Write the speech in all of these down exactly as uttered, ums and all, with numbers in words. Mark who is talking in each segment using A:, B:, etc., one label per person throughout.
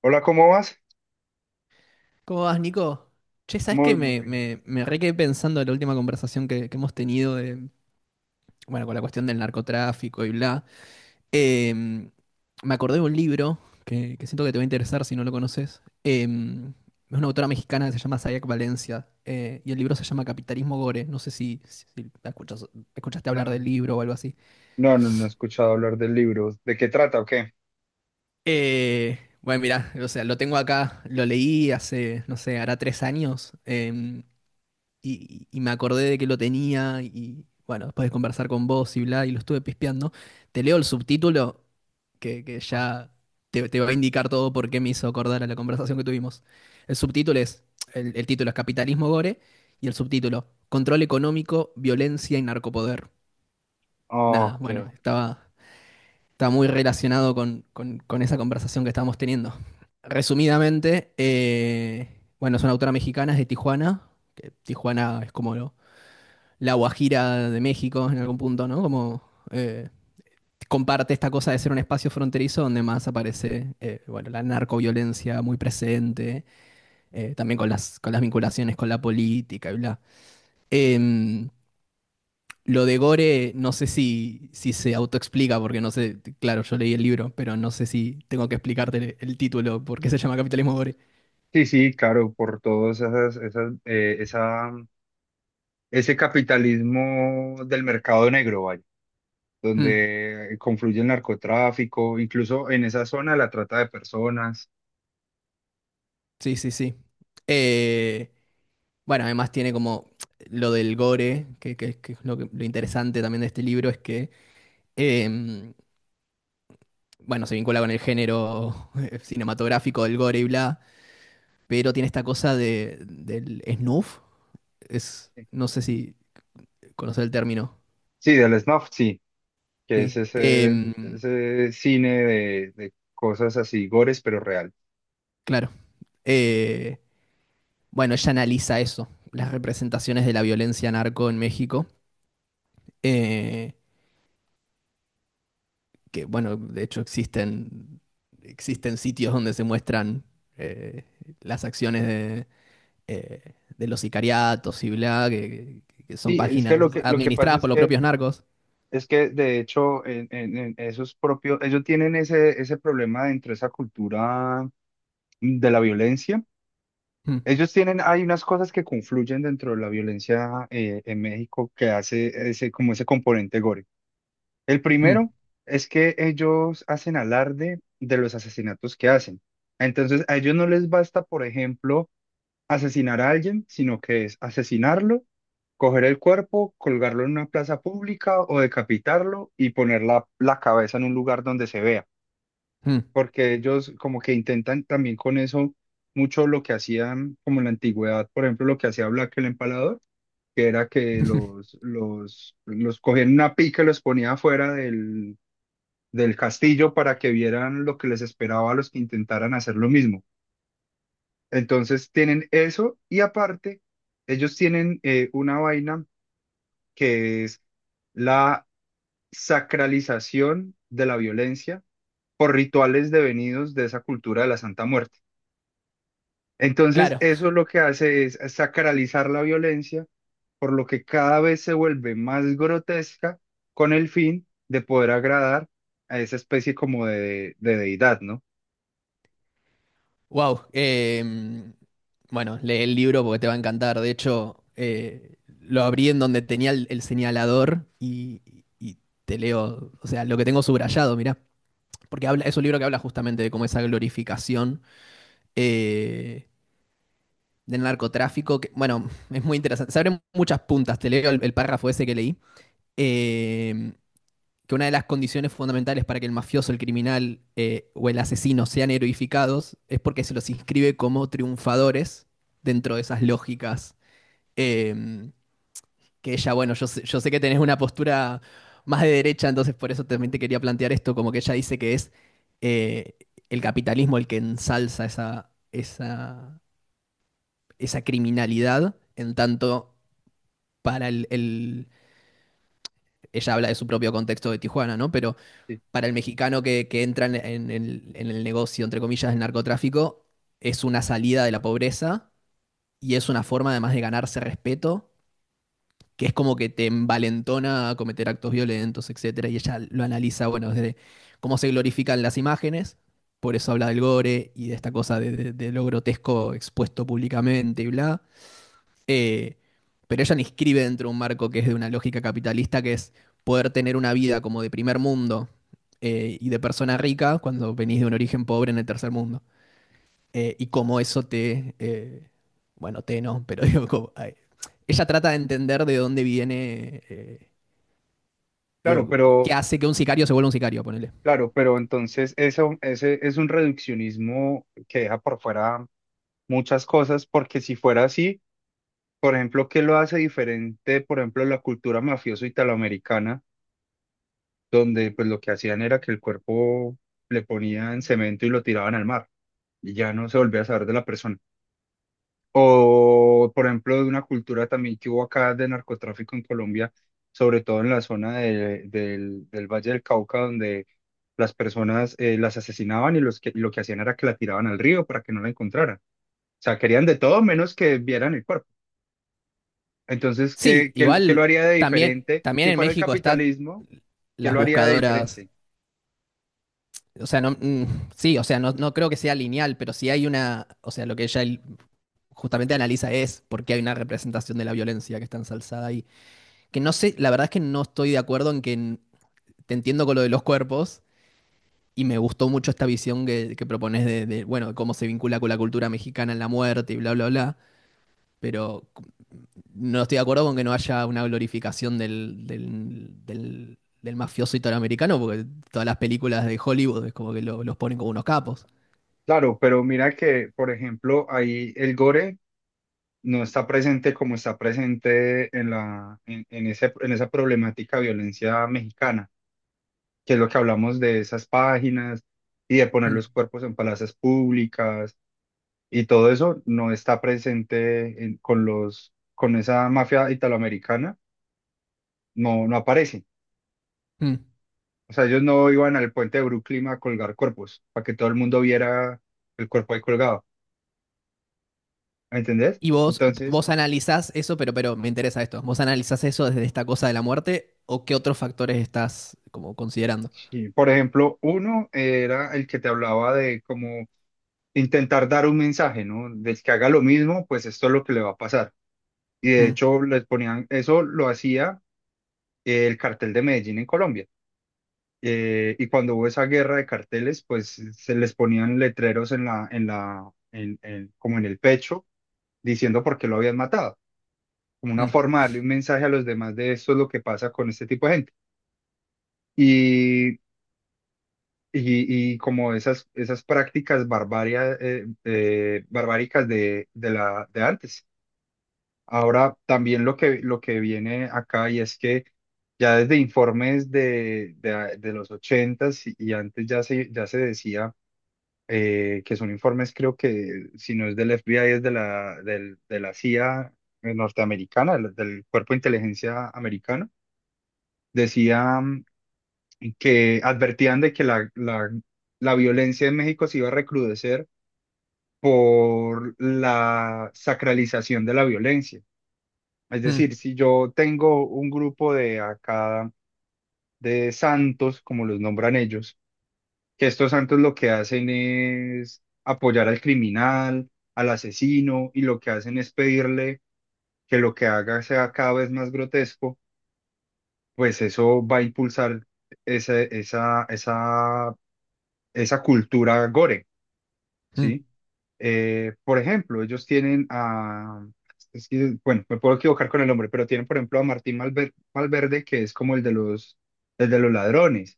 A: Hola, ¿cómo vas?
B: ¿Cómo vas, Nico? Che, ¿sabes qué?
A: Muy, muy
B: Me,
A: bien.
B: me, me re quedé pensando en la última conversación que, que hemos tenido de, bueno, con la cuestión del narcotráfico y bla. Em, Me acordé de un libro que, que siento que te va a interesar si no lo conoces. Em, es una autora mexicana que se llama Sayak Valencia eh, y el libro se llama Capitalismo Gore. No sé si, si, si la escuchas- escuchaste hablar del
A: No,
B: libro o algo así.
A: No, no, no he escuchado hablar del libro. ¿De qué trata o qué?
B: Eh, bueno, mira, o sea, lo tengo acá, lo leí hace, no sé, hará tres años. em, y, y me acordé de que lo tenía y bueno, después de conversar con vos y bla, y lo estuve pispeando, te leo el subtítulo que, que ya te, te va a indicar todo por qué me hizo acordar a la conversación que tuvimos. El subtítulo es, el, el título es Capitalismo Gore y el subtítulo Control económico, violencia y narcopoder.
A: Ah,
B: Nada, bueno,
A: ok.
B: estaba, estaba muy relacionado con, con- con esa conversación que estábamos teniendo. Resumidamente, eh, bueno, es una autora mexicana, es de Tijuana, que Tijuana es como lo, la Guajira de México en algún punto, ¿no? Como eh, comparte esta cosa de ser un espacio fronterizo donde más aparece, eh, bueno, la narcoviolencia muy presente, eh, también con las, con las vinculaciones con la política y bla. Em, lo de Gore, no sé si, si se autoexplica, porque no sé, claro, yo leí el libro, pero no sé si tengo que explicarte el, el título, por qué se llama Capitalismo Gore.
A: Sí, sí, claro, por todos esas, esas, eh, esa, ese capitalismo del mercado negro, vaya,
B: Mm,
A: donde confluye el narcotráfico, incluso en esa zona la trata de personas.
B: sí, sí, sí. Eh, Bueno, además tiene como lo del gore, que, que- que es lo, que- lo interesante también de este libro, es que, em, bueno, se vincula con el género cinematográfico del gore y bla, pero tiene esta cosa de, del snuff, es,
A: Sí,
B: no sé si conocer el término,
A: Sí, del snuff, sí, que es
B: ¿sí?
A: ese,
B: Em,
A: ese cine de, de cosas así, gores, pero real.
B: claro. Eh, bueno, ella analiza eso, las representaciones de la violencia narco en México. eh, que bueno, de hecho existen, existen sitios donde se muestran eh, las acciones de, eh, de los sicariatos y bla, que, que- que son
A: Sí, es que
B: páginas
A: lo que, lo que pasa
B: administradas
A: es
B: por los
A: que
B: propios narcos.
A: es que de hecho en, en- en esos propios, ellos tienen ese, ese problema dentro de esa cultura de la violencia.
B: Mm,
A: Ellos tienen, hay unas cosas que confluyen dentro de la violencia eh, en México que hace ese, como ese componente gore. El
B: mm,
A: primero es que ellos hacen alarde de los asesinatos que hacen. Entonces a ellos no les basta, por ejemplo, asesinar a alguien, sino que es asesinarlo, coger el cuerpo, colgarlo en una plaza pública o decapitarlo y poner la, la cabeza en un lugar donde se vea.
B: mm.
A: Porque ellos como que intentan también con eso mucho lo que hacían como en la antigüedad, por ejemplo, lo que hacía Black el Empalador, que era que los, los, los cogían en una pica y los ponía afuera del, del castillo para que vieran lo que les esperaba a los que intentaran hacer lo mismo. Entonces tienen eso y aparte ellos tienen eh, una vaina que es la sacralización de la violencia por rituales devenidos de esa cultura de la Santa Muerte. Entonces
B: Claro,
A: eso lo que hace es sacralizar la violencia, por lo que cada vez se vuelve más grotesca con el fin de poder agradar a esa especie como de, de deidad, ¿no?
B: wow. Em, bueno, lee el libro porque te va a encantar. De hecho, eh, lo abrí en donde tenía el, el señalador y, y te leo, o sea, lo que tengo subrayado, mirá, porque habla, es un libro que habla justamente de cómo esa glorificación eh, del narcotráfico, que, bueno, es muy interesante. Se abren muchas puntas, te leo el, el párrafo ese que leí, eh, que una de las condiciones fundamentales para que el mafioso, el criminal eh, o el asesino sean heroificados es porque se los inscribe como triunfadores dentro de esas lógicas. eh, que ella, bueno, yo sé, yo sé que tenés una postura más de derecha, entonces por eso también te quería plantear esto, como que ella dice que es eh, el capitalismo el que ensalza esa, esa esa criminalidad, en tanto para el, el- ella habla de su propio contexto de Tijuana, ¿no? Pero
A: Sí,
B: para el mexicano que, que entra en, en el, en el negocio, entre comillas, del narcotráfico, es una salida de la pobreza y es una forma además de ganarse respeto, que es como que te envalentona a cometer actos violentos, etcétera. Y ella lo analiza, bueno, desde cómo se glorifican las imágenes, por eso habla del gore y de esta cosa de, de- de lo grotesco expuesto públicamente y bla. Eh, pero ella la inscribe dentro de un marco que es de una lógica capitalista, que es poder tener una vida como de primer mundo eh, y de persona rica cuando venís de un origen pobre en el tercer mundo. Eh, y cómo eso te, eh, bueno, te no, pero digo, como, ay, ella trata de entender de dónde viene, eh,
A: claro,
B: digo, qué
A: pero...
B: hace que un sicario se vuelva un sicario, ponele.
A: Claro, pero entonces eso, ese es un reduccionismo que deja por fuera muchas cosas, porque si fuera así, por ejemplo, ¿qué lo hace diferente, por ejemplo, la cultura mafioso italoamericana, donde pues lo que hacían era que el cuerpo le ponían cemento y lo tiraban al mar, y ya no se volvía a saber de la persona? O, por ejemplo, de una cultura también que hubo acá de narcotráfico en Colombia, sobre todo en la zona de- del, del Valle del Cauca, donde las personas eh, las asesinaban y los que, lo que hacían era que la tiraban al río para que no la encontraran. O sea, querían de todo menos que vieran el cuerpo. Entonces, ¿qué,
B: Sí,
A: qué, lo- qué lo
B: igual
A: haría de
B: también,
A: diferente?
B: también
A: Si
B: en
A: fuera el
B: México está
A: capitalismo, ¿qué
B: las
A: lo haría de
B: buscadoras.
A: diferente?
B: O sea, no, mm, sí, o sea, no, no creo que sea lineal, pero sí hay una, o sea, lo que ella el- justamente analiza es por qué hay una representación de la violencia que está ensalzada ahí. Que no sé, la verdad es que no estoy de acuerdo en que n- te entiendo con lo de los cuerpos y me gustó mucho esta visión que, que propones de, de, bueno, cómo se vincula con la cultura mexicana en la muerte y bla, bla, bla, pero c- no estoy de acuerdo con que no haya una glorificación del, del, del, del mafioso italoamericano, porque todas las películas de Hollywood es como que lo- los ponen como unos capos.
A: Claro, pero mira que, por ejemplo, ahí el gore no está presente como está presente en la, en, en ese, en esa problemática de violencia mexicana, que es lo que hablamos de esas páginas y de poner
B: Mm.
A: los cuerpos en plazas públicas, y todo eso no está presente en- con los, con esa mafia italoamericana, no, no aparece.
B: Mm.
A: O sea, ellos no iban al puente de Brooklyn a colgar cuerpos para que todo el mundo viera el cuerpo ahí colgado, ¿me ¿entendés?
B: Y vos,
A: Entonces,
B: vos analizás eso, pero, pero me interesa esto. ¿Vos analizás eso desde esta cosa de la muerte o qué otros factores estás como considerando?
A: sí, por ejemplo, uno era el que te hablaba de cómo intentar dar un mensaje, ¿no? Del que haga lo mismo, pues esto es lo que le va a pasar. Y de
B: Mm,
A: hecho, les ponían, eso lo hacía eh, el cartel de Medellín en Colombia. Eh, y cuando hubo esa guerra de carteles, pues se les ponían letreros en la, en la, en, en- como en el pecho, diciendo por qué lo habían matado, como una
B: mm,
A: forma de darle un mensaje a los demás de esto es lo que pasa con este tipo de gente. Y, y, y como esas, esas prácticas barbaria- eh, eh, barbáricas de, de, la, de antes. Ahora también lo que, lo que viene acá y es que ya desde informes de, de, de los ochentas y, y antes ya se, ya se decía eh, que son informes creo que si no es del F B I es de la, del, de la C I A norteamericana, del, del Cuerpo de Inteligencia americano, decían que advertían de que la, la, la violencia en México se iba a recrudecer por la sacralización de la violencia. Es
B: mm,
A: decir, si yo tengo un grupo de acá de santos, como los nombran ellos, que estos santos lo que hacen es apoyar al criminal, al asesino, y lo que hacen es pedirle que lo que haga sea cada vez más grotesco, pues eso va a impulsar esa, esa, esa, esa cultura gore,
B: mm.
A: ¿sí? Eh, por ejemplo, ellos tienen a, es que, bueno, me puedo equivocar con el nombre, pero tienen, por ejemplo, a Martín Malver- Valverde, que es como el de los, el de los ladrones.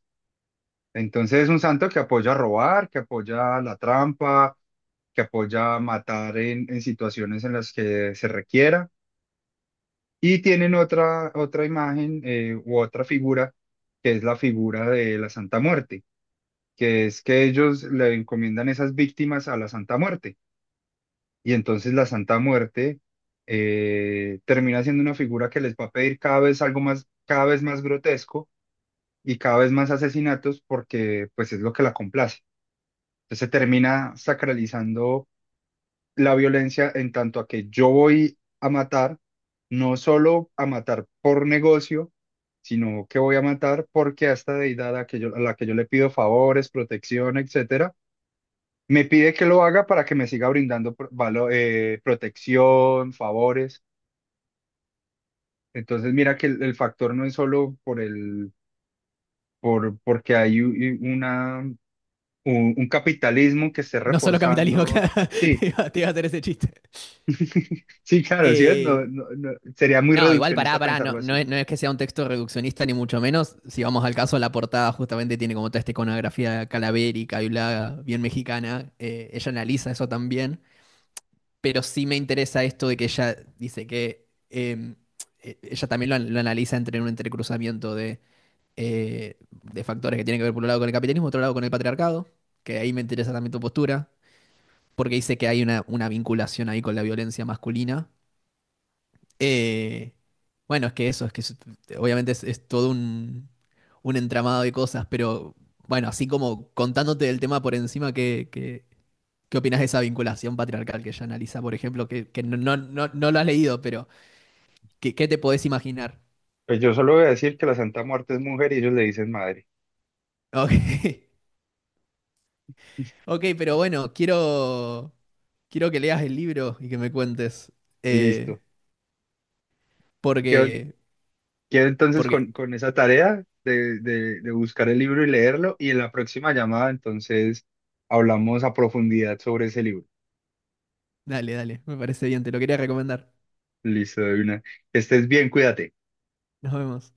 A: Entonces es un santo que apoya a robar, que apoya la trampa, que apoya a matar en, en situaciones en las que se requiera. Y tienen otra, otra imagen eh, u otra figura, que es la figura de la Santa Muerte, que es que ellos le encomiendan esas víctimas a la Santa Muerte. Y entonces la Santa Muerte eh, termina siendo una figura que les va a pedir cada vez algo más, cada vez más grotesco y cada vez más asesinatos porque pues es lo que la complace. Entonces se termina sacralizando la violencia en tanto a que yo voy a matar, no solo a matar por negocio, sino que voy a matar porque a esta deidad a, que yo- a la que yo le pido favores, protección, etcétera, me pide que lo haga para que me siga brindando pro- valo- eh, protección, favores. Entonces, mira que el, el factor no es solo por el, por, porque hay u- y una, un, un capitalismo que esté
B: No solo capitalismo,
A: reforzando.
B: claro.
A: Sí,
B: Te iba, te iba a hacer ese chiste.
A: sí, claro, sí es, no,
B: Eh,
A: no, no, sería muy
B: no, igual pará,
A: reduccionista
B: pará. No,
A: pensarlo
B: no
A: así.
B: es, no es que sea un texto reduccionista, ni mucho menos. Si vamos al caso, la portada justamente tiene como toda esta iconografía calavérica y bla, bien mexicana. Eh, ella analiza eso también. Pero sí me interesa esto de que ella dice que em, e- ella también lo, an- lo analiza entre un entrecruzamiento de, eh, de factores que tienen que ver por un lado con el capitalismo, otro lado con el patriarcado, que ahí me interesa también tu postura, porque dice que hay una, una vinculación ahí con la violencia masculina. Eh, bueno, es que eso, es que es- obviamente es, es todo un, un entramado de cosas, pero bueno, así como contándote el tema por encima que, ¿qué opinas de esa vinculación patriarcal que ella analiza, por ejemplo, que, que no, no, no, no lo has leído, pero ¿qué, qué te podés imaginar?
A: Pues yo solo voy a decir que la Santa Muerte es mujer y ellos le dicen madre.
B: Ok, ok, pero bueno, quiero, quiero que leas el libro y que me cuentes, eh,
A: Listo.
B: porque,
A: Quedo entonces
B: porque,
A: con, con esa tarea de, de, de buscar el libro y leerlo y en la próxima llamada entonces hablamos a profundidad sobre ese libro.
B: dale, dale, me parece bien, te lo quería recomendar.
A: Listo, de una. Que estés bien, cuídate.
B: Nos vemos.